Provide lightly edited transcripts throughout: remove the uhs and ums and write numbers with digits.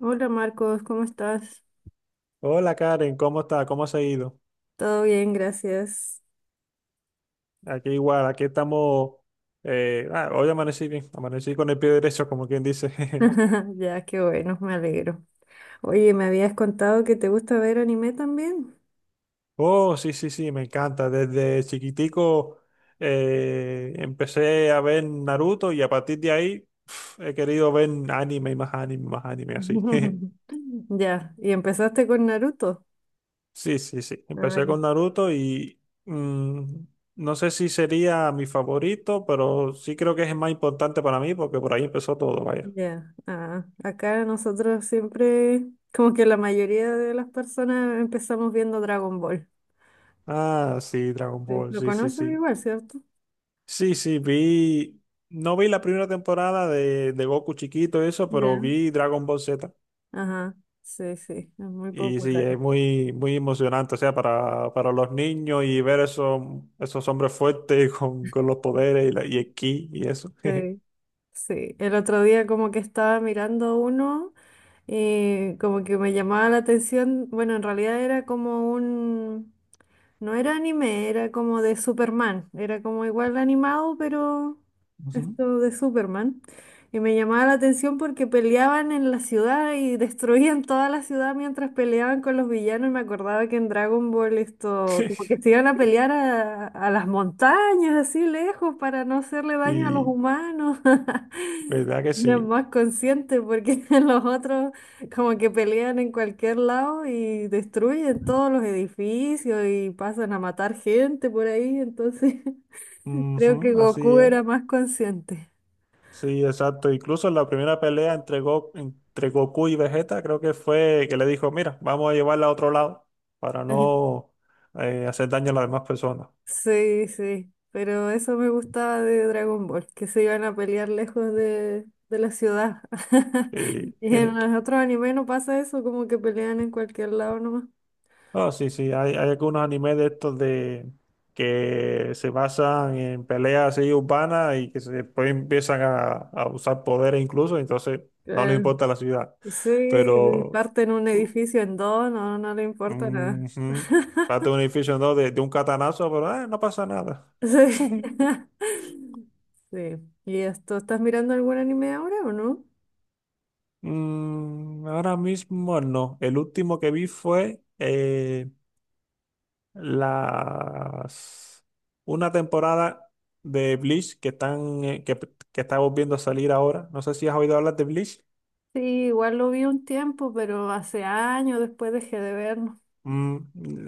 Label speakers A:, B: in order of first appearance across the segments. A: Hola Marcos, ¿cómo estás?
B: Hola Karen, ¿cómo está? ¿Cómo se ha ido?
A: Todo bien, gracias.
B: Aquí igual, aquí estamos. Hoy amanecí bien, amanecí con el pie derecho, como quien dice.
A: Ya, qué bueno, me alegro. Oye, me habías contado que te gusta ver anime también.
B: Oh, sí, sí, sí, me encanta. Desde chiquitico empecé a ver Naruto y a partir de ahí he querido ver anime y más anime, así.
A: Ya, y empezaste con Naruto.
B: Sí, sí, sí. Empecé
A: Ah,
B: con Naruto y no sé si sería mi favorito, pero sí creo que es el más importante para mí porque por ahí empezó todo.
A: ya. Ah, acá nosotros siempre, como que la mayoría de las personas empezamos viendo Dragon Ball.
B: Ah, sí, Dragon
A: Sí,
B: Ball,
A: lo
B: sí, sí,
A: conoces
B: sí.
A: igual, ¿cierto?
B: Sí, sí, vi. No vi la primera temporada de Goku chiquito, eso, pero
A: Ya.
B: vi Dragon Ball Z.
A: Ajá, sí, sí, es muy
B: Y sí,
A: popular.
B: es muy, muy emocionante, o sea, para los niños y ver esos, esos hombres fuertes con los poderes y, la, y el ki y eso.
A: Sí, sí. El otro día como que estaba mirando uno, y como que me llamaba la atención. Bueno, en realidad era como un, no era anime, era como de Superman, era como igual animado, pero
B: Ujú.
A: esto de Superman. Y me llamaba la atención porque peleaban en la ciudad y destruían toda la ciudad mientras peleaban con los villanos. Y me acordaba que en Dragon Ball esto, como que se iban a pelear a las montañas, así lejos, para no hacerle daño a los
B: Sí,
A: humanos.
B: verdad que
A: Era
B: sí.
A: más conscientes porque los otros... Como que pelean en cualquier lado y destruyen todos los edificios y pasan a matar gente por ahí, entonces creo que
B: Ujú, así
A: Goku
B: es.
A: era más consciente.
B: Sí, exacto. Incluso en la primera pelea entre, entre Goku y Vegeta, creo que fue que le dijo, mira, vamos a llevarla a otro lado para
A: Ujú.
B: no hacer daño a las demás personas.
A: Sí, sí, pero eso me gustaba de Dragon Ball, que se iban a pelear lejos de la ciudad.
B: Y,
A: Y en
B: jeje.
A: los otros animes no pasa eso, como que pelean en cualquier lado nomás.
B: No, sí, sí, hay algunos animes de estos de que se basan en peleas así urbanas y que después empiezan a usar poderes incluso, entonces no les
A: Claro.
B: importa la ciudad.
A: Sí, y
B: Pero
A: parten un edificio en dos, no, no le importa nada.
B: ujú. Date un edificio en dos de un catanazo, pero no pasa nada.
A: Sí. Sí. ¿Y esto, estás mirando algún anime ahora o no?
B: Mm, ahora mismo no. El último que vi fue las una temporada de Bleach que están que está volviendo a salir ahora. No sé si has oído hablar de Bleach.
A: Sí, igual lo vi un tiempo, pero hace años después dejé de verlo.
B: Mm,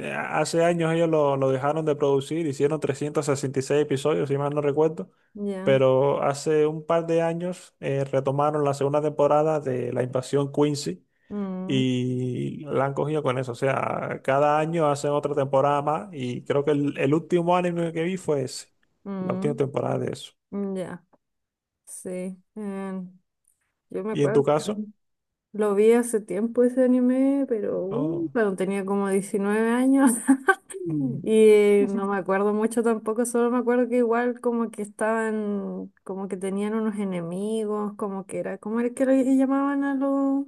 B: eh, Hace años ellos lo dejaron de producir, hicieron 366 episodios, si mal no recuerdo,
A: Ya.
B: pero hace un par de años retomaron la segunda temporada de La Invasión Quincy
A: Mm,
B: y la han cogido con eso. O sea, cada año hacen otra temporada más y creo que el último anime que vi fue ese, la última
A: mm,
B: temporada de eso.
A: ya. Sí. Em, yo me
B: ¿Y en tu
A: acuerdo que
B: caso?
A: lo vi hace tiempo ese anime, pero
B: Oh,
A: cuando tenía como 19 años.
B: mm.
A: Y no me acuerdo mucho tampoco, solo me acuerdo que igual como que estaban, como que tenían unos enemigos, como que era, ¿cómo era que le llamaban a los?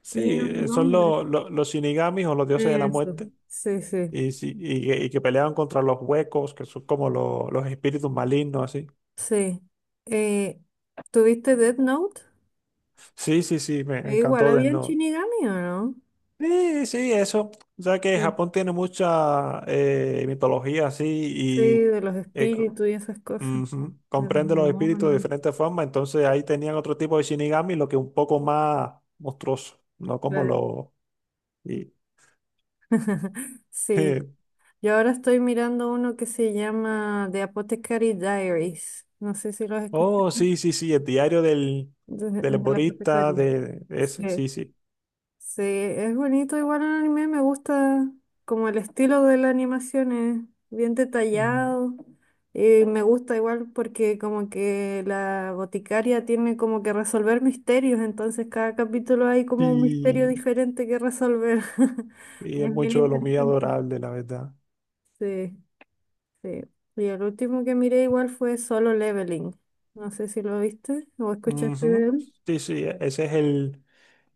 B: Sí,
A: Tenían un
B: son
A: nombre.
B: los Shinigamis o los dioses de la
A: Eso.
B: muerte.
A: Sí, sí,
B: Y, sí, y, que peleaban contra los huecos, que son como los espíritus malignos, así.
A: sí. Eh, ¿Tuviste Death Note?
B: Sí, sí, sí, me
A: Ahí igual
B: encantó Death
A: había en
B: Note.
A: Shinigami, ¿o no?
B: Sí, sí, eso. O sea que
A: Sí,
B: Japón tiene mucha mitología así
A: sí,
B: y
A: de los
B: eh, co-
A: espíritus y esas cosas,
B: ujú,
A: de los
B: comprende los espíritus de
A: demonios.
B: diferentes formas. Entonces ahí tenían otro tipo de Shinigami, lo que un poco más monstruoso, no como
A: Claro.
B: lo... y-
A: Sí, yo ahora estoy mirando uno que se llama The Apothecary Diaries. No sé si lo has escuchado.
B: Oh, sí, sí, sí, el diario del, del
A: De la
B: herborista,
A: apotecaria.
B: de ese,
A: Sí,
B: sí, sí.
A: sí, es bonito igual el anime, me gusta como el estilo de la animación es bien
B: Ujú.
A: detallado y me gusta igual porque como que la boticaria tiene como que resolver misterios, entonces cada capítulo hay como un misterio
B: Sí.
A: diferente que resolver.
B: Y
A: Y
B: es
A: es bien
B: mucho de lo muy
A: interesante.
B: adorable, la verdad.
A: Sí. Sí. Y el último que miré igual fue Solo Leveling. No sé si lo viste o escuchaste de
B: Ujú.
A: él.
B: Sí, sí, ese es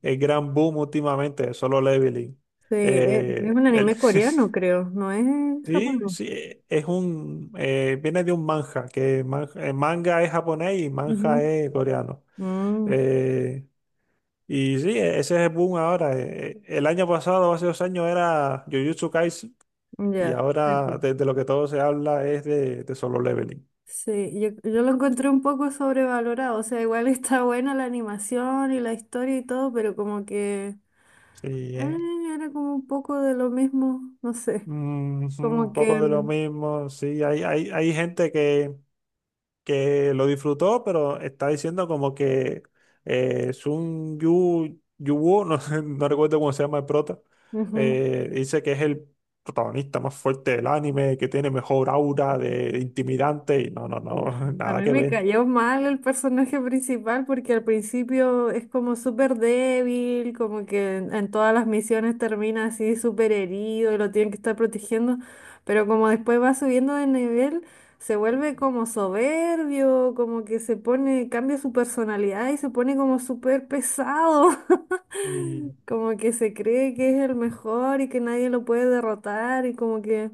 B: el gran boom últimamente, Solo Leveling.
A: Sí, es
B: Eh,
A: un
B: el,
A: anime coreano, creo, no es
B: sí,
A: japonés.
B: sí, es un, viene de un manga, que manga es japonés y
A: Ujú.
B: manga es coreano. Eh, y sí, ese es el boom ahora. El año pasado, hace dos años, era Jujutsu Kaisen,
A: Mm,
B: y
A: ya. Sí,
B: ahora
A: pues.
B: de lo que todo se habla es de Solo Leveling.
A: Sí, yo lo encontré un poco sobrevalorado, o sea, igual está buena la animación y la historia y todo, pero como que
B: Sí,
A: ah, era como un poco de lo mismo, no sé,
B: mm, sí, un
A: como que
B: poco de lo
A: mm,
B: mismo, sí, hay gente que lo disfrutó, pero está diciendo como que Sun Yu, Yu no, sé, no recuerdo cómo se llama el prota,
A: ujú.
B: dice que es el protagonista más fuerte del anime, que tiene mejor aura de intimidante, y no, no,
A: Ya.
B: no,
A: A
B: nada
A: mí
B: que
A: me
B: ver.
A: cayó mal el personaje principal porque al principio es como súper débil, como que en todas las misiones termina así súper herido y lo tienen que estar protegiendo, pero como después va subiendo de nivel, se vuelve como soberbio, como que se pone, cambia su personalidad y se pone como súper pesado,
B: Y,
A: como que se cree que es el mejor y que nadie lo puede derrotar y como que...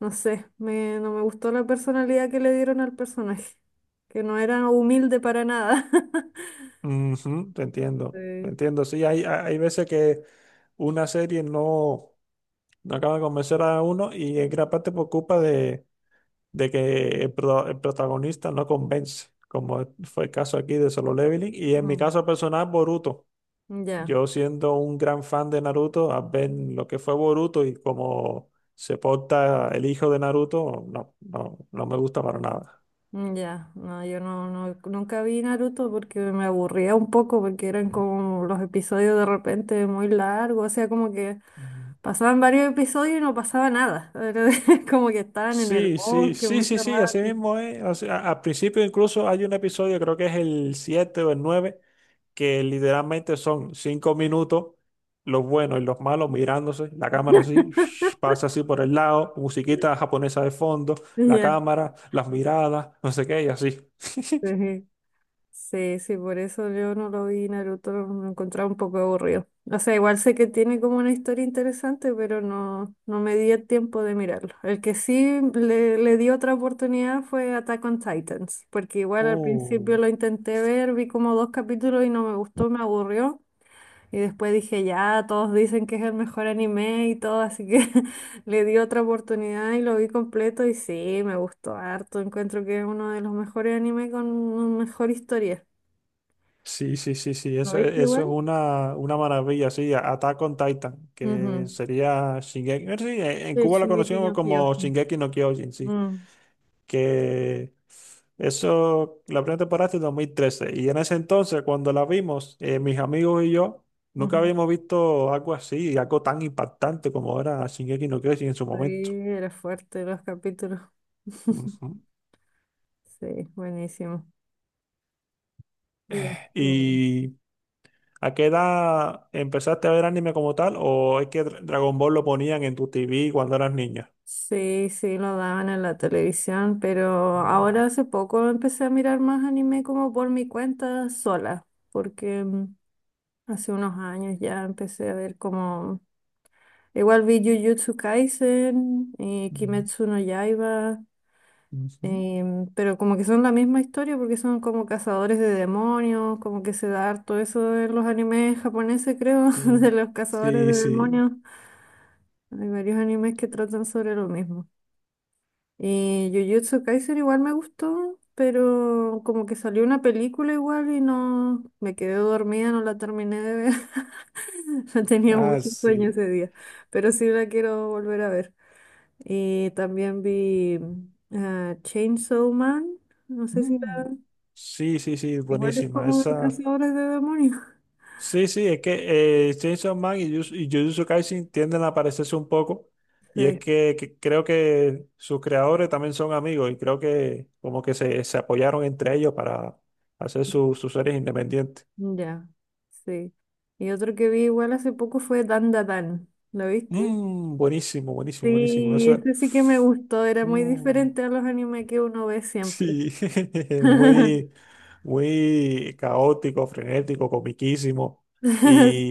A: No sé, me, no me gustó la personalidad que le dieron al personaje, que no era humilde para nada.
B: ujú, te
A: Sí.
B: entiendo, sí, hay, hay veces que una serie no, no acaba de convencer a uno y en gran parte por culpa de que el, el protagonista no convence, como fue el caso aquí de Solo Leveling. Y en mi
A: Mm.
B: caso personal, Boruto.
A: Ya,
B: Yo siendo un gran fan de Naruto, al ver lo que fue Boruto y cómo se porta el hijo de Naruto, no, no, no me gusta para nada.
A: mm, ya, no, yo no, no, nunca vi Naruto porque me aburría un poco, porque eran como los episodios de repente muy largos, o sea, como que
B: Mm.
A: pasaban varios episodios y no pasaba nada, era como que estaban en el
B: Sí, sí,
A: bosque
B: sí, sí,
A: mucho
B: sí, así
A: rato.
B: mismo es. O sea, al principio incluso hay un episodio, creo que es el 7 o el 9 que literalmente son cinco minutos, los buenos y los malos mirándose, la cámara así, pasa así por el lado, musiquita japonesa de fondo, la
A: Ya,
B: cámara, las miradas, no sé qué, y así.
A: sí. Sí. Sí, sí, por eso yo no lo vi, Naruto lo encontraba un poco aburrido. O sea, igual sé que tiene como una historia interesante, pero no, no me di el tiempo de mirarlo. El que sí le di otra oportunidad fue Attack on Titans, porque igual al principio
B: Uh,
A: lo intenté ver, vi como dos capítulos y no me gustó, me aburrió. Y después dije, ya, todos dicen que es el mejor anime y todo, así que le di otra oportunidad y lo vi completo y sí, me gustó harto. Encuentro que es uno de los mejores animes con mejor historia.
B: sí, sí, sí, sí,
A: ¿No
B: eso,
A: viste
B: eso es
A: igual?
B: una maravilla, sí, Attack on Titan, que
A: Ujú,
B: sería Shingeki, sí, en
A: de
B: Cuba lo
A: Shingeki no
B: conocíamos como
A: Kyojin.
B: Shingeki no Kyojin, sí.
A: Mm,
B: Que eso, la primera temporada es de 2013 y en ese entonces cuando la vimos, mis amigos y yo nunca
A: ujú.
B: habíamos visto algo así, algo tan impactante como era Shingeki no Kyojin en su
A: Sí,
B: momento.
A: era fuerte los capítulos.
B: Ujú.
A: Sí, buenísimo. Y esto,
B: ¿Y a qué edad empezaste a ver anime como tal o es que Dragon Ball lo ponían en tu TV cuando eras niña?
A: sí, sí, lo daban en la televisión, pero
B: Ah,
A: ahora hace poco empecé a mirar más anime como por mi cuenta sola, porque mm, hace unos años ya empecé a ver como... Igual vi Jujutsu Kaisen y
B: mm,
A: Kimetsu no Yaiba.
B: ujú.
A: Pero como que son la misma historia porque son como cazadores de demonios, como que se da harto eso en los animes japoneses, creo, de
B: Sí,
A: los cazadores de
B: sí, sí.
A: demonios. Hay varios animes que tratan sobre lo mismo. Y Jujutsu Kaisen igual me gustó, pero como que salió una película igual y no me quedé dormida, no la terminé de ver. No tenía
B: Ah,
A: mucho sueño
B: sí.
A: ese día, pero sí la quiero volver a ver. Y también vi Chainsaw Man. No sé si.
B: Mm. Sí, sí, sí,
A: Igual es
B: buenísima.
A: como de
B: Esa
A: cazadores de demonios.
B: sí, sí, es que Chainsaw Man y Jujutsu Kaisen tienden a parecerse un poco. Y es
A: Sí,
B: que creo que sus creadores también son amigos y creo que como que se apoyaron entre ellos para hacer sus series independientes.
A: ya, sí. Y otro que vi igual hace poco fue Dan Da Dan. ¿Lo viste?
B: Mm, buenísimo, buenísimo, buenísimo.
A: Sí,
B: Eso,
A: ese sí que me gustó. Era muy
B: mm,
A: diferente a los animes que uno ve siempre.
B: sí, muy, muy caótico, frenético, comiquísimo.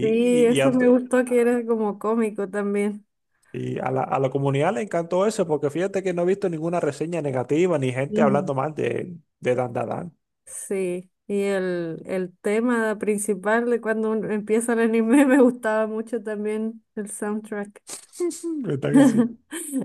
A: Sí,
B: Y a-
A: eso me gustó que era como cómico también.
B: y a la comunidad le encantó eso, porque fíjate que no he visto ninguna reseña negativa ni gente
A: Mm,
B: hablando mal de Dan Dan Dan.
A: sí, y el tema principal de cuando un- empieza el anime me gustaba mucho también el soundtrack.
B: ¿Verdad que sí?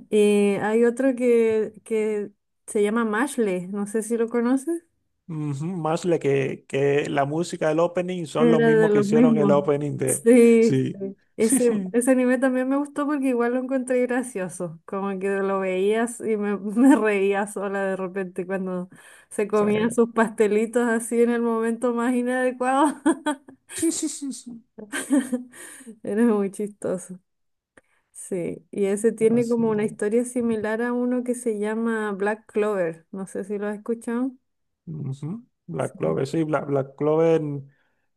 A: Y hay otro que se llama Mashle, no sé si lo conoces.
B: Ujú, Más le que la música del opening son los
A: Era de
B: mismos que
A: los
B: hicieron el
A: mismos.
B: opening de.
A: Sí,
B: Sí.
A: sí. Ese, ese anime también me gustó porque igual lo encontré gracioso. Como que lo veías y me, me reía sola de repente cuando se
B: Sí.
A: comían sus pastelitos así en el momento más inadecuado. Era muy chistoso. Sí, y ese tiene
B: Así
A: como una
B: es.
A: historia similar a uno que se llama Black Clover. No sé si lo has escuchado.
B: Ujú. Black
A: Sí.
B: Clover, sí, Black, Black Clover,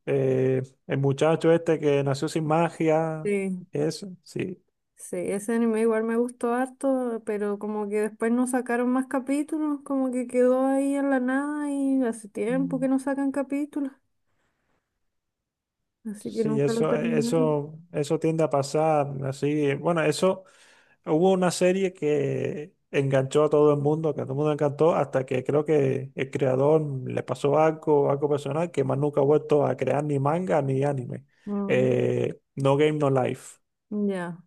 B: eh, el muchacho este que nació sin magia,
A: Sí,
B: eso, sí.
A: sí, ese anime igual me gustó harto, pero como que después no sacaron más capítulos, como que quedó ahí en la nada y hace tiempo que no sacan capítulos, así que
B: Sí,
A: nunca lo
B: eso,
A: terminaron.
B: eso, eso tiende a pasar así. Bueno, eso hubo una serie que enganchó a todo el mundo, que a todo el mundo le encantó, hasta que creo que el creador le pasó algo, algo personal, que más nunca ha vuelto a crear ni manga ni anime.
A: Mm,
B: No Game No Life,
A: ya,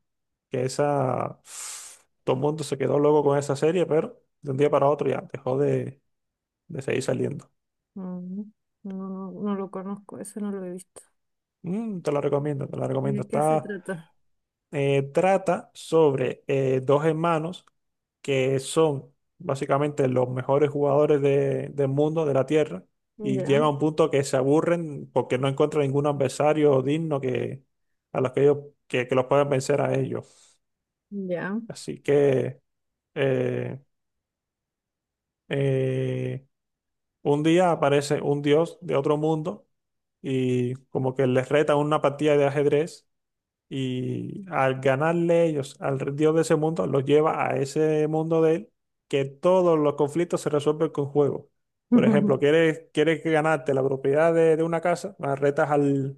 B: que esa, todo el mundo se quedó loco con esa serie, pero de un día para otro ya dejó de seguir saliendo.
A: mm, no, no lo conozco, ese no lo he visto.
B: Mm, te la recomiendo, te la
A: ¿Y
B: recomiendo.
A: de qué se
B: Está,
A: trata?
B: trata sobre dos hermanos que son básicamente los mejores jugadores del mundo, de la Tierra, y
A: Ya,
B: llega a un punto que se aburren porque no encuentran ningún adversario digno que, a los que ellos que los puedan vencer a ellos.
A: ya.
B: Así que eh, eh, un día aparece un dios de otro mundo y como que les reta una partida de ajedrez. Y al ganarle ellos al dios de ese mundo, los lleva a ese mundo de él, que todos los conflictos se resuelven con juego. Por ejemplo, quieres, quieres que ganarte la propiedad de una casa, ah, retas al,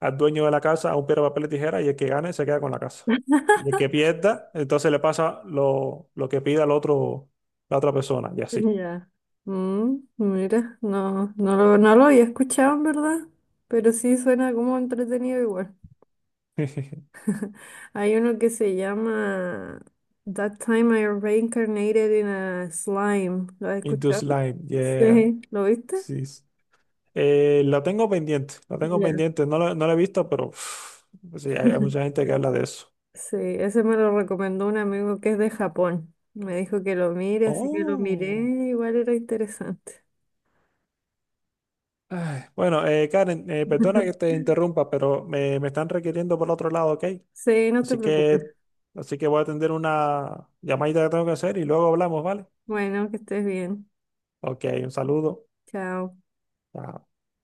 B: al dueño de la casa a un piedra, papel y tijera, y el que gane se queda con la casa. Y el que pierda, entonces le pasa lo que pida al otro, la otra persona, y así.
A: Ya. Mm, mira, no, no lo, no lo había escuchado en verdad, pero sí suena como entretenido igual. Hay uno que se llama That Time I Reincarnated in a Slime. ¿Lo has
B: Into
A: escuchado?
B: slime, yeah.
A: Sí. ¿Lo viste?
B: Sí, sí. Lo tengo pendiente, lo tengo
A: Ya.
B: pendiente. No lo, no lo he visto, pero uf, pues sí, hay mucha gente que habla de eso.
A: Sí, ese me lo recomendó un amigo que es de Japón. Me dijo que lo mire, así que lo miré,
B: Oh.
A: igual era interesante.
B: Ay, bueno, Karen, perdona que te interrumpa, pero me están requiriendo por otro lado, ¿ok?
A: Sí, no te
B: Así que,
A: preocupes.
B: así que voy a atender una llamadita que tengo que hacer y luego hablamos, ¿vale?
A: Bueno, que estés bien.
B: Ok, un saludo.
A: Chao.
B: Chao.